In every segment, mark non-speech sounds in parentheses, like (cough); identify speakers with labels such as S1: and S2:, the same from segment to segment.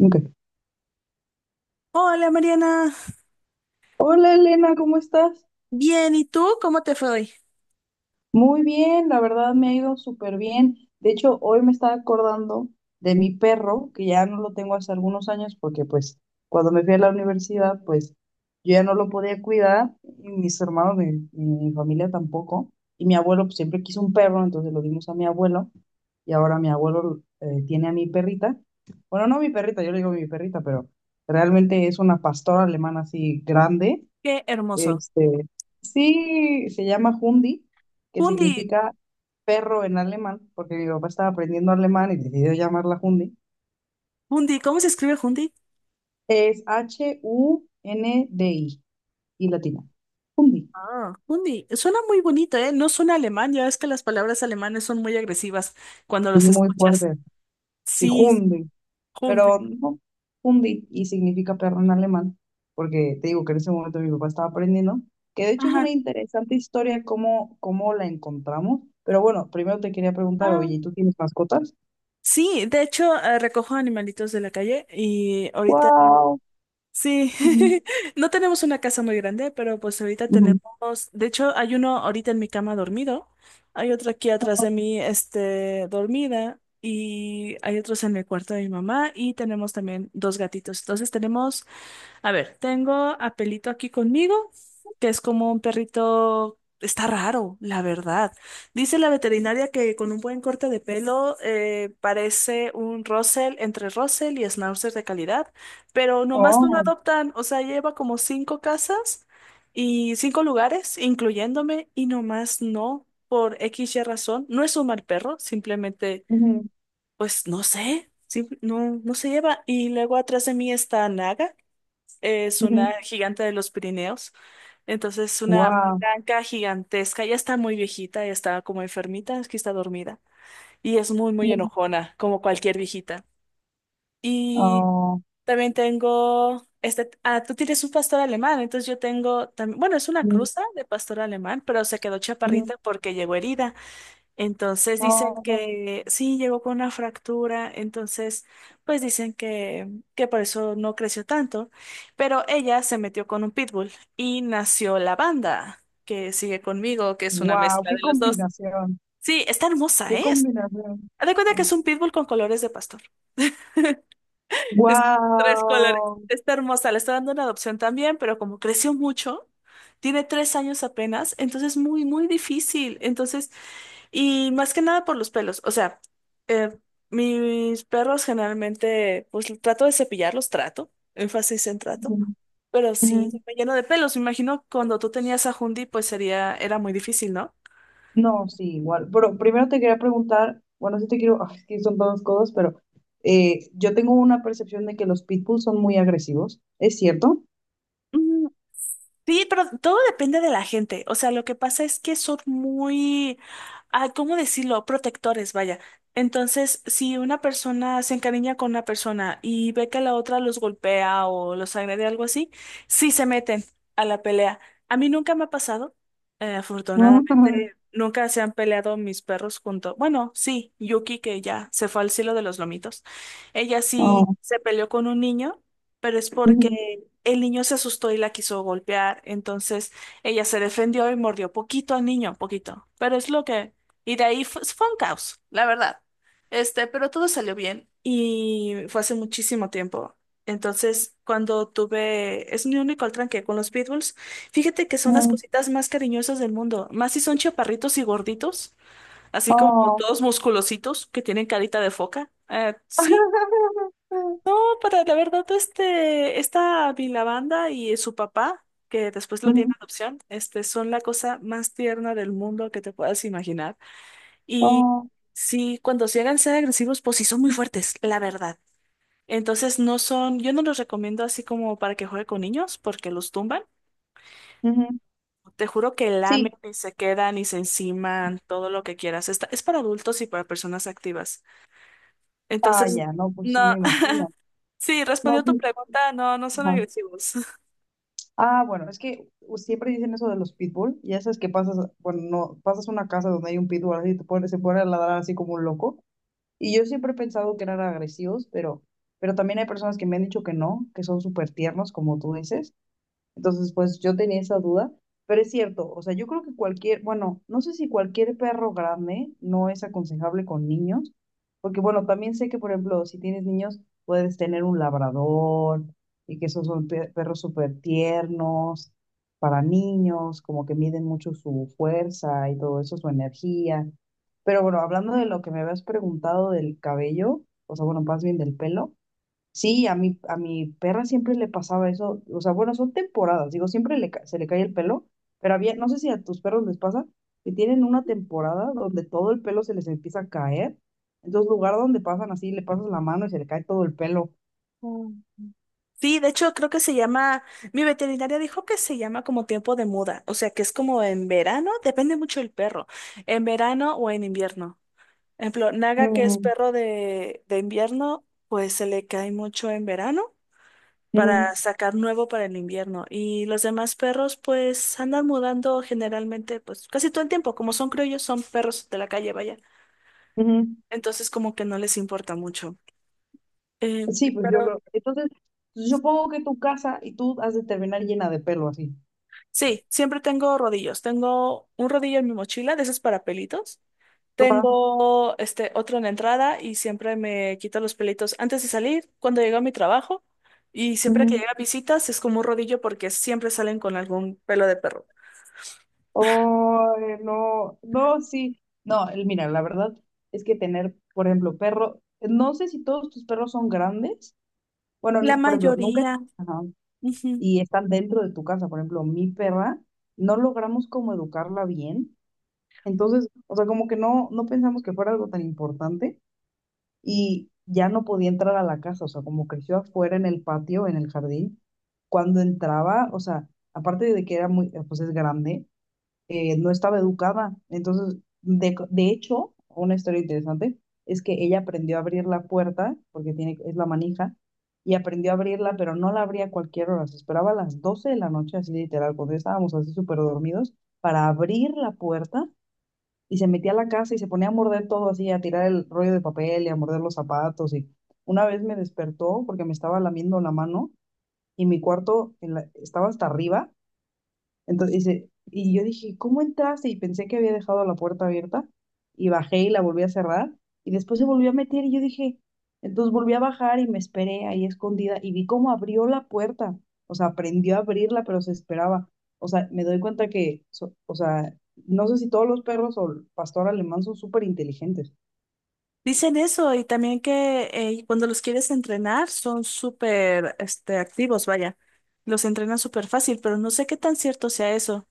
S1: Ok.
S2: Hola Mariana,
S1: Hola Elena, ¿cómo estás?
S2: bien, ¿y tú? ¿Cómo te fue hoy?
S1: Muy bien, la verdad me ha ido súper bien. De hecho, hoy me estaba acordando de mi perro, que ya no lo tengo hace algunos años porque pues cuando me fui a la universidad, pues yo ya no lo podía cuidar, y mis hermanos, mi familia tampoco, y mi abuelo pues, siempre quiso un perro, entonces lo dimos a mi abuelo, y ahora mi abuelo tiene a mi perrita. Bueno, no mi perrita, yo le digo mi perrita, pero realmente es una pastora alemana así grande.
S2: Qué hermoso.
S1: Este, sí, se llama Hundi, que
S2: Hundi,
S1: significa perro en alemán, porque mi papá estaba aprendiendo alemán y decidió llamarla Hundi.
S2: Hundi, ¿cómo se escribe Hundi?
S1: Es Hundi y latina. Hundi.
S2: Ah, Hundi, suena muy bonito, ¿eh? No suena alemán, ya ves que las palabras alemanas son muy agresivas cuando los
S1: Y muy
S2: escuchas.
S1: fuerte. Sí,
S2: Sí,
S1: Hundi. Pero
S2: Hundi.
S1: no, Hundi y significa perro en alemán, porque te digo que en ese momento mi papá estaba aprendiendo, que de hecho es una
S2: Ajá.
S1: interesante historia cómo la encontramos. Pero bueno, primero te quería preguntar,
S2: Ah,
S1: oye, ¿tú tienes mascotas?
S2: sí, de hecho, recojo animalitos de la calle y ahorita
S1: ¡Wow!
S2: sí, (laughs) no tenemos una casa muy grande, pero pues ahorita
S1: Ujú.
S2: tenemos, de hecho hay uno ahorita en mi cama dormido, hay otro aquí atrás de mí, este, dormida, y hay otros en el cuarto de mi mamá, y tenemos también dos gatitos. Entonces tenemos, a ver, tengo a Pelito aquí conmigo, que es como un perrito, está raro, la verdad. Dice la veterinaria que con un buen corte de pelo parece un Russell, entre Russell y Schnauzer de calidad, pero nomás no lo
S1: Oh,
S2: adoptan, o sea, lleva como cinco casas y cinco lugares, incluyéndome, y nomás no, por X y razón. No es un mal perro, simplemente,
S1: ujú,
S2: pues no sé, no, no se lleva. Y luego atrás de mí está Naga, es
S1: ujú.
S2: una gigante de los Pirineos. Entonces es una
S1: Wow.
S2: blanca gigantesca, ya está muy viejita, ya está como enfermita, es que está dormida. Y es muy, muy enojona, como cualquier viejita. Y
S1: Oh,
S2: también tengo, este, ah, tú tienes un pastor alemán, entonces yo tengo también, bueno, es una
S1: ujú.
S2: cruza de pastor alemán, pero se quedó chaparrita porque llegó herida. Entonces dicen
S1: Oh,
S2: que sí, llegó con una fractura, entonces pues que por eso no creció tanto, pero ella se metió con un pitbull y nació la banda que sigue conmigo, que es una
S1: wow,
S2: mezcla
S1: qué
S2: de los dos.
S1: combinación,
S2: Sí, está hermosa,
S1: qué
S2: ¿eh?
S1: combinación.
S2: Haz de cuenta que es un pitbull con colores de pastor. (laughs) Es tres colores.
S1: Wow.
S2: Está hermosa, le está dando una adopción también, pero como creció mucho, tiene tres años apenas, entonces es muy, muy difícil. Entonces... Y más que nada por los pelos. O sea, eh, mis perros generalmente, pues trato de cepillarlos, trato, énfasis en trato, pero sí me lleno de pelos. Me imagino cuando tú tenías a Hundi, pues sería, era muy difícil, ¿no?
S1: No, sí, igual. Pero primero te quería preguntar, bueno, sí te quiero, ay, es que son dos cosas, pero yo tengo una percepción de que los pitbulls son muy agresivos, ¿es cierto?
S2: Sí, pero todo depende de la gente. O sea, lo que pasa es que son muy, ah, ¿cómo decirlo? Protectores, vaya. Entonces, si una persona se encariña con una persona y ve que la otra los golpea o los agrede, algo así, sí se meten a la pelea. A mí nunca me ha pasado.
S1: (laughs) Ujú.
S2: Afortunadamente, nunca se han peleado mis perros junto. Bueno, sí, Yuki, que ya se fue al cielo de los lomitos. Ella sí
S1: Oh,
S2: se peleó con un niño, pero es porque
S1: ujú,
S2: el niño se asustó y la quiso golpear, entonces ella se defendió y mordió poquito al niño, poquito. Pero es lo que... Y de ahí fue un caos, la verdad. Este, pero todo salió bien y fue hace muchísimo tiempo. Entonces, cuando tuve... Es mi único tranque con los pitbulls. Fíjate que son las
S1: ujú.
S2: cositas más cariñosas del mundo, más si son chaparritos y gorditos, así como
S1: Oh.
S2: todos musculositos que tienen carita de foca. Sí.
S1: (laughs)
S2: No, para la verdad, este, esta Vilabanda y su papá, que después lo tiene
S1: Ujú.
S2: adopción, este, son la cosa más tierna del mundo que te puedas imaginar. Y
S1: Oh.
S2: sí, cuando sí llegan a ser agresivos, pues sí son muy fuertes, la verdad. Entonces no son, yo no los recomiendo así como para que juegue con niños, porque los tumban.
S1: Ujú.
S2: Te juro que lamen
S1: Sí,
S2: y se quedan y se enciman, todo lo que quieras. Es para adultos y para personas activas.
S1: ah,
S2: Entonces,
S1: ya, no, pues sí,
S2: no,
S1: me
S2: (laughs)
S1: imagino.
S2: sí,
S1: No,
S2: respondió tu
S1: sí.
S2: pregunta, no, no son
S1: Ajá.
S2: agresivos.
S1: Ah, bueno, es que siempre dicen eso de los pitbull, y ya sabes que pasas, bueno, no, pasas una casa donde hay un pitbull así, te pone, se pone a ladrar así como un loco, y yo siempre he pensado que eran agresivos, pero también hay personas que me han dicho que no, que son súper tiernos, como tú dices. Entonces, pues yo tenía esa duda, pero es cierto, o sea, yo creo que cualquier, bueno, no sé si cualquier perro grande no es aconsejable con niños, porque bueno, también sé que, por ejemplo, si tienes niños, puedes tener un labrador y que esos son perros súper tiernos para niños, como que miden mucho su fuerza y todo eso, su energía. Pero bueno, hablando de lo que me habías preguntado del cabello, o sea, bueno, más bien del pelo. Sí, a mi perra siempre le pasaba eso, o sea, bueno, son temporadas, digo, siempre se le cae el pelo, pero había, no sé si a tus perros les pasa, que tienen una temporada donde todo el pelo se les empieza a caer, entonces lugar donde pasan así, le pasas la mano y se le cae todo el pelo.
S2: (laughs) Sí, de hecho creo que se llama, mi veterinaria dijo que se llama como tiempo de muda, o sea que es como en verano, depende mucho del perro, en verano o en invierno. Por ejemplo, Naga, que es
S1: Ujú,
S2: perro de invierno, pues se le cae mucho en verano
S1: ujú,
S2: para sacar nuevo para el invierno. Y los demás perros pues andan mudando generalmente pues casi todo el tiempo, como son criollos, son perros de la calle, vaya.
S1: ujú.
S2: Entonces como que no les importa mucho. Eh,
S1: Sí, pues yo
S2: pero
S1: creo, entonces, pues, yo supongo que tu casa y tú has de terminar llena de pelo así.
S2: sí, siempre tengo rodillos. Tengo un rodillo en mi mochila, de esos para pelitos.
S1: Ajá,
S2: Tengo este otro en la entrada y siempre me quito los pelitos antes de salir, cuando llego a mi trabajo. Y siempre que
S1: ujú.
S2: llega visitas es como un rodillo porque siempre salen con algún pelo de perro.
S1: Oh, no, no, sí. No, mira, la verdad es que tener, por ejemplo, perro, no sé si todos tus perros son grandes. Bueno,
S2: La
S1: por ejemplo, nunca,
S2: mayoría,
S1: ajá,
S2: ujú.
S1: y están dentro de tu casa. Por ejemplo, mi perra, no logramos como educarla bien. Entonces, o sea, como que no pensamos que fuera algo tan importante y ya no podía entrar a la casa. O sea, como creció afuera en el patio, en el jardín, cuando entraba, o sea, aparte de que era muy, pues es grande no estaba educada. Entonces, de hecho, una historia interesante es que ella aprendió a abrir la puerta, porque tiene, es la manija, y aprendió a abrirla, pero no la abría a cualquier hora, se esperaba a las 12 de la noche, así literal, cuando ya estábamos así súper dormidos, para abrir la puerta y se metía a la casa y se ponía a morder todo así, a tirar el rollo de papel y a morder los zapatos. Y una vez me despertó porque me estaba lamiendo la mano y mi cuarto estaba hasta arriba. Entonces, dice, y yo dije, ¿cómo entraste? Y pensé que había dejado la puerta abierta y bajé y la volví a cerrar y después se volvió a meter y yo dije, entonces volví a bajar y me esperé ahí escondida y vi cómo abrió la puerta, o sea, aprendió a abrirla, pero se esperaba. O sea, me doy cuenta que, o sea, no sé si todos los perros o el pastor alemán son súper inteligentes.
S2: Dicen eso y también que cuando los quieres entrenar son súper este, activos, vaya. Los entrenan súper fácil, pero no sé qué tan cierto sea eso.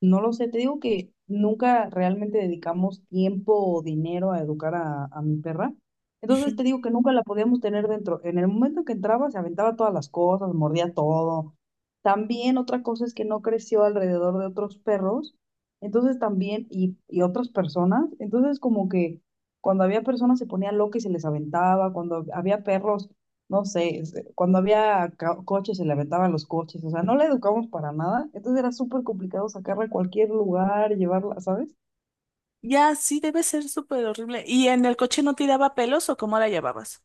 S1: No lo sé, te digo que nunca realmente dedicamos tiempo o dinero a educar a mi perra. Entonces te digo que nunca la podíamos tener dentro. En el momento que entraba, se aventaba todas las cosas, mordía todo. También otra cosa es que no creció alrededor de otros perros, entonces también, y otras personas. Entonces como que cuando había personas se ponía loca y se les aventaba, cuando había perros no sé, cuando había coches se le aventaban los coches, o sea, no la educamos para nada, entonces era súper complicado sacarla a cualquier lugar, llevarla, ¿sabes?
S2: Ya, sí, debe ser súper horrible. ¿Y en el coche no tiraba pelos o cómo la llevabas?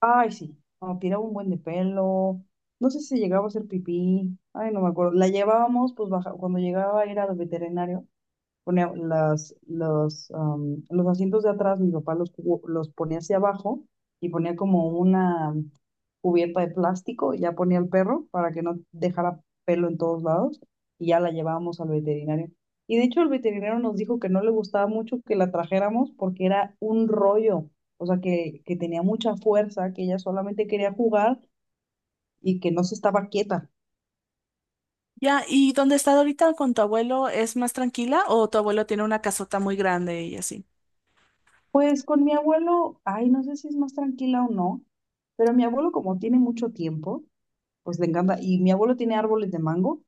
S1: Ay, sí, no, tiraba un buen de pelo, no sé si llegaba a hacer pipí, ay, no me acuerdo, la llevábamos, pues baja, cuando llegaba a ir al veterinario, ponía las, los, los asientos de atrás, mi papá los ponía hacia abajo y ponía como una cubierta de plástico, ya ponía al perro para que no dejara pelo en todos lados y ya la llevábamos al veterinario. Y de hecho el veterinario nos dijo que no le gustaba mucho que la trajéramos porque era un rollo, o sea, que tenía mucha fuerza, que ella solamente quería jugar y que no se estaba quieta.
S2: Ya, ¿y dónde está ahorita con tu abuelo? ¿Es más tranquila o tu abuelo tiene una casota muy grande y así?
S1: Pues con mi abuelo, ay, no sé si es más tranquila o no, pero mi abuelo como tiene mucho tiempo, pues le encanta, y mi abuelo tiene árboles de mango,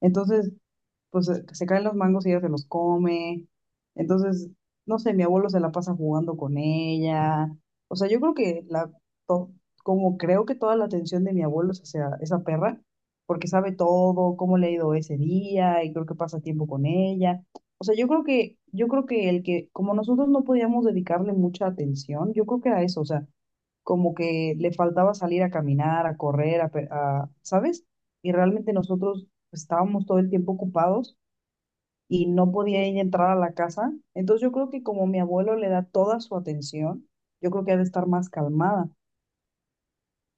S1: entonces pues se caen los mangos y ella se los come. Entonces, no sé, mi abuelo se la pasa jugando con ella. O sea, yo creo que to- como creo que toda la atención de mi abuelo es hacia esa perra, porque sabe todo, cómo le ha ido ese día y creo que pasa tiempo con ella. O sea, yo creo que, el que, como nosotros no podíamos dedicarle mucha atención, yo creo que era eso, o sea, como que le faltaba salir a caminar, a correr, ¿sabes? Y realmente nosotros estábamos todo el tiempo ocupados y no podía ella entrar a la casa. Entonces yo creo que como mi abuelo le da toda su atención, yo creo que ha de estar más calmada.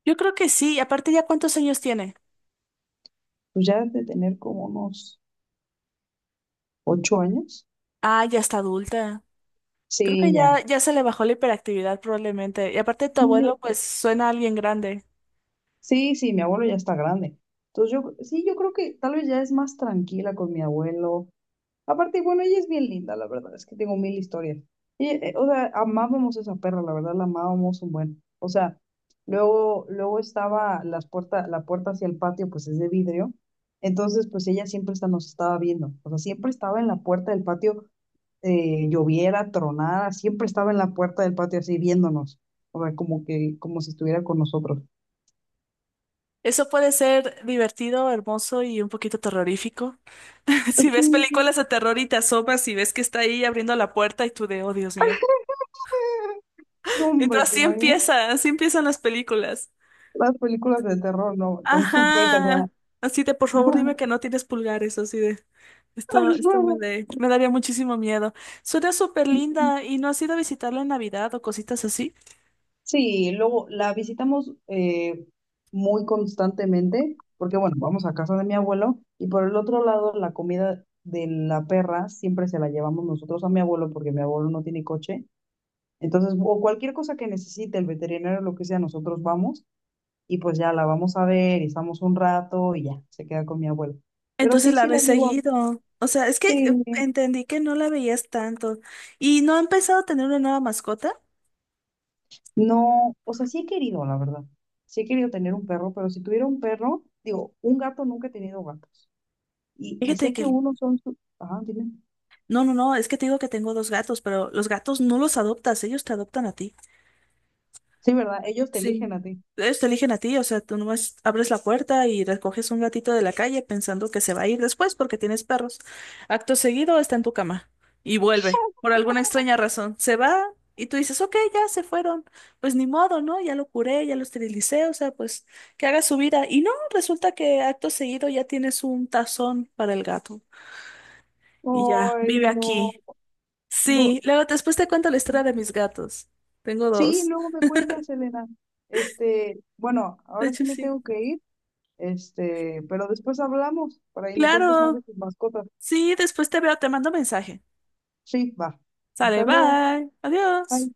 S2: Yo creo que sí, y aparte ya cuántos años tiene.
S1: Pues ya de tener como unos 8 años.
S2: Ah, ya está adulta. Creo que
S1: Sí, ya.
S2: ya, ya se le bajó la hiperactividad probablemente. Y aparte tu
S1: Sí,
S2: abuelo pues suena a alguien grande.
S1: sí, sí, mi abuelo ya está grande. Entonces yo, sí, yo creo que tal vez ya es más tranquila con mi abuelo. Aparte, bueno, ella es bien linda, la verdad, es que tengo mil historias. Y, o sea, amábamos a esa perra, la verdad, la amábamos un buen. O sea, luego, luego estaba las puerta, la puerta hacia el patio, pues es de vidrio. Entonces, pues ella siempre nos estaba viendo. O sea, siempre estaba en la puerta del patio, lloviera, tronara, siempre estaba en la puerta del patio así viéndonos. O sea, como que, como si estuviera con nosotros.
S2: Eso puede ser divertido, hermoso y un poquito terrorífico. (laughs) Si
S1: Así,
S2: ves películas de terror y te asomas y ves que está ahí abriendo la puerta y tú de, oh Dios mío.
S1: (laughs) no, hombre,
S2: Entonces
S1: ¿te
S2: así
S1: imaginas?
S2: empieza, así empiezan las películas.
S1: Las películas de terror, no, con tu perra.
S2: Ajá. Así de, por favor, dime que no tienes pulgares, así de.
S1: (laughs)
S2: Me daría muchísimo miedo. Suena súper linda. ¿Y no has ido a visitarla en Navidad o cositas así?
S1: Sí, luego la visitamos muy constantemente, porque bueno, vamos a casa de mi abuelo y por el otro lado la comida de la perra siempre se la llevamos nosotros a mi abuelo porque mi abuelo no tiene coche. Entonces, o cualquier cosa que necesite el veterinario, lo que sea, nosotros vamos y pues ya la vamos a ver y estamos un rato y ya, se queda con mi abuelo. Pero
S2: Entonces
S1: sí,
S2: la
S1: sí la
S2: ves
S1: llevo
S2: seguido. O sea, es que
S1: Sí,
S2: entendí que no la veías tanto. ¿Y no ha empezado a tener una nueva mascota?
S1: no, o sea, sí he querido, la verdad. Sí he querido tener un perro, pero si tuviera un perro, digo, un gato nunca he tenido gatos. Y
S2: Fíjate
S1: sé
S2: que
S1: que unos son su... Ajá, dime.
S2: no, no, no, es que te digo que tengo dos gatos, pero los gatos no los adoptas, ellos te adoptan a ti.
S1: Sí, ¿verdad? Ellos te
S2: Sí.
S1: eligen a ti.
S2: Ellos te eligen a ti, o sea, tú nomás abres la puerta y recoges un gatito de la calle pensando que se va a ir después porque tienes perros. Acto seguido está en tu cama y vuelve, por
S1: (laughs)
S2: alguna extraña razón. Se va y tú dices, ok, ya se fueron. Pues ni modo, ¿no? Ya lo curé, ya lo esterilicé, o sea, pues que haga su vida. Y no, resulta que acto seguido ya tienes un tazón para el gato y ya
S1: Ay,
S2: vive
S1: no,
S2: aquí.
S1: no.
S2: Sí, luego después te cuento la historia de mis gatos. Tengo
S1: Sí,
S2: dos.
S1: luego me cuentas, Elena. Bueno,
S2: De
S1: ahora
S2: hecho,
S1: sí me
S2: sí.
S1: tengo que ir, pero después hablamos, por ahí me cuentas más de
S2: Claro.
S1: tus mascotas.
S2: Sí, después te veo, te mando mensaje.
S1: Sí, va.
S2: Sale,
S1: Hasta luego.
S2: bye. Adiós.
S1: Bye.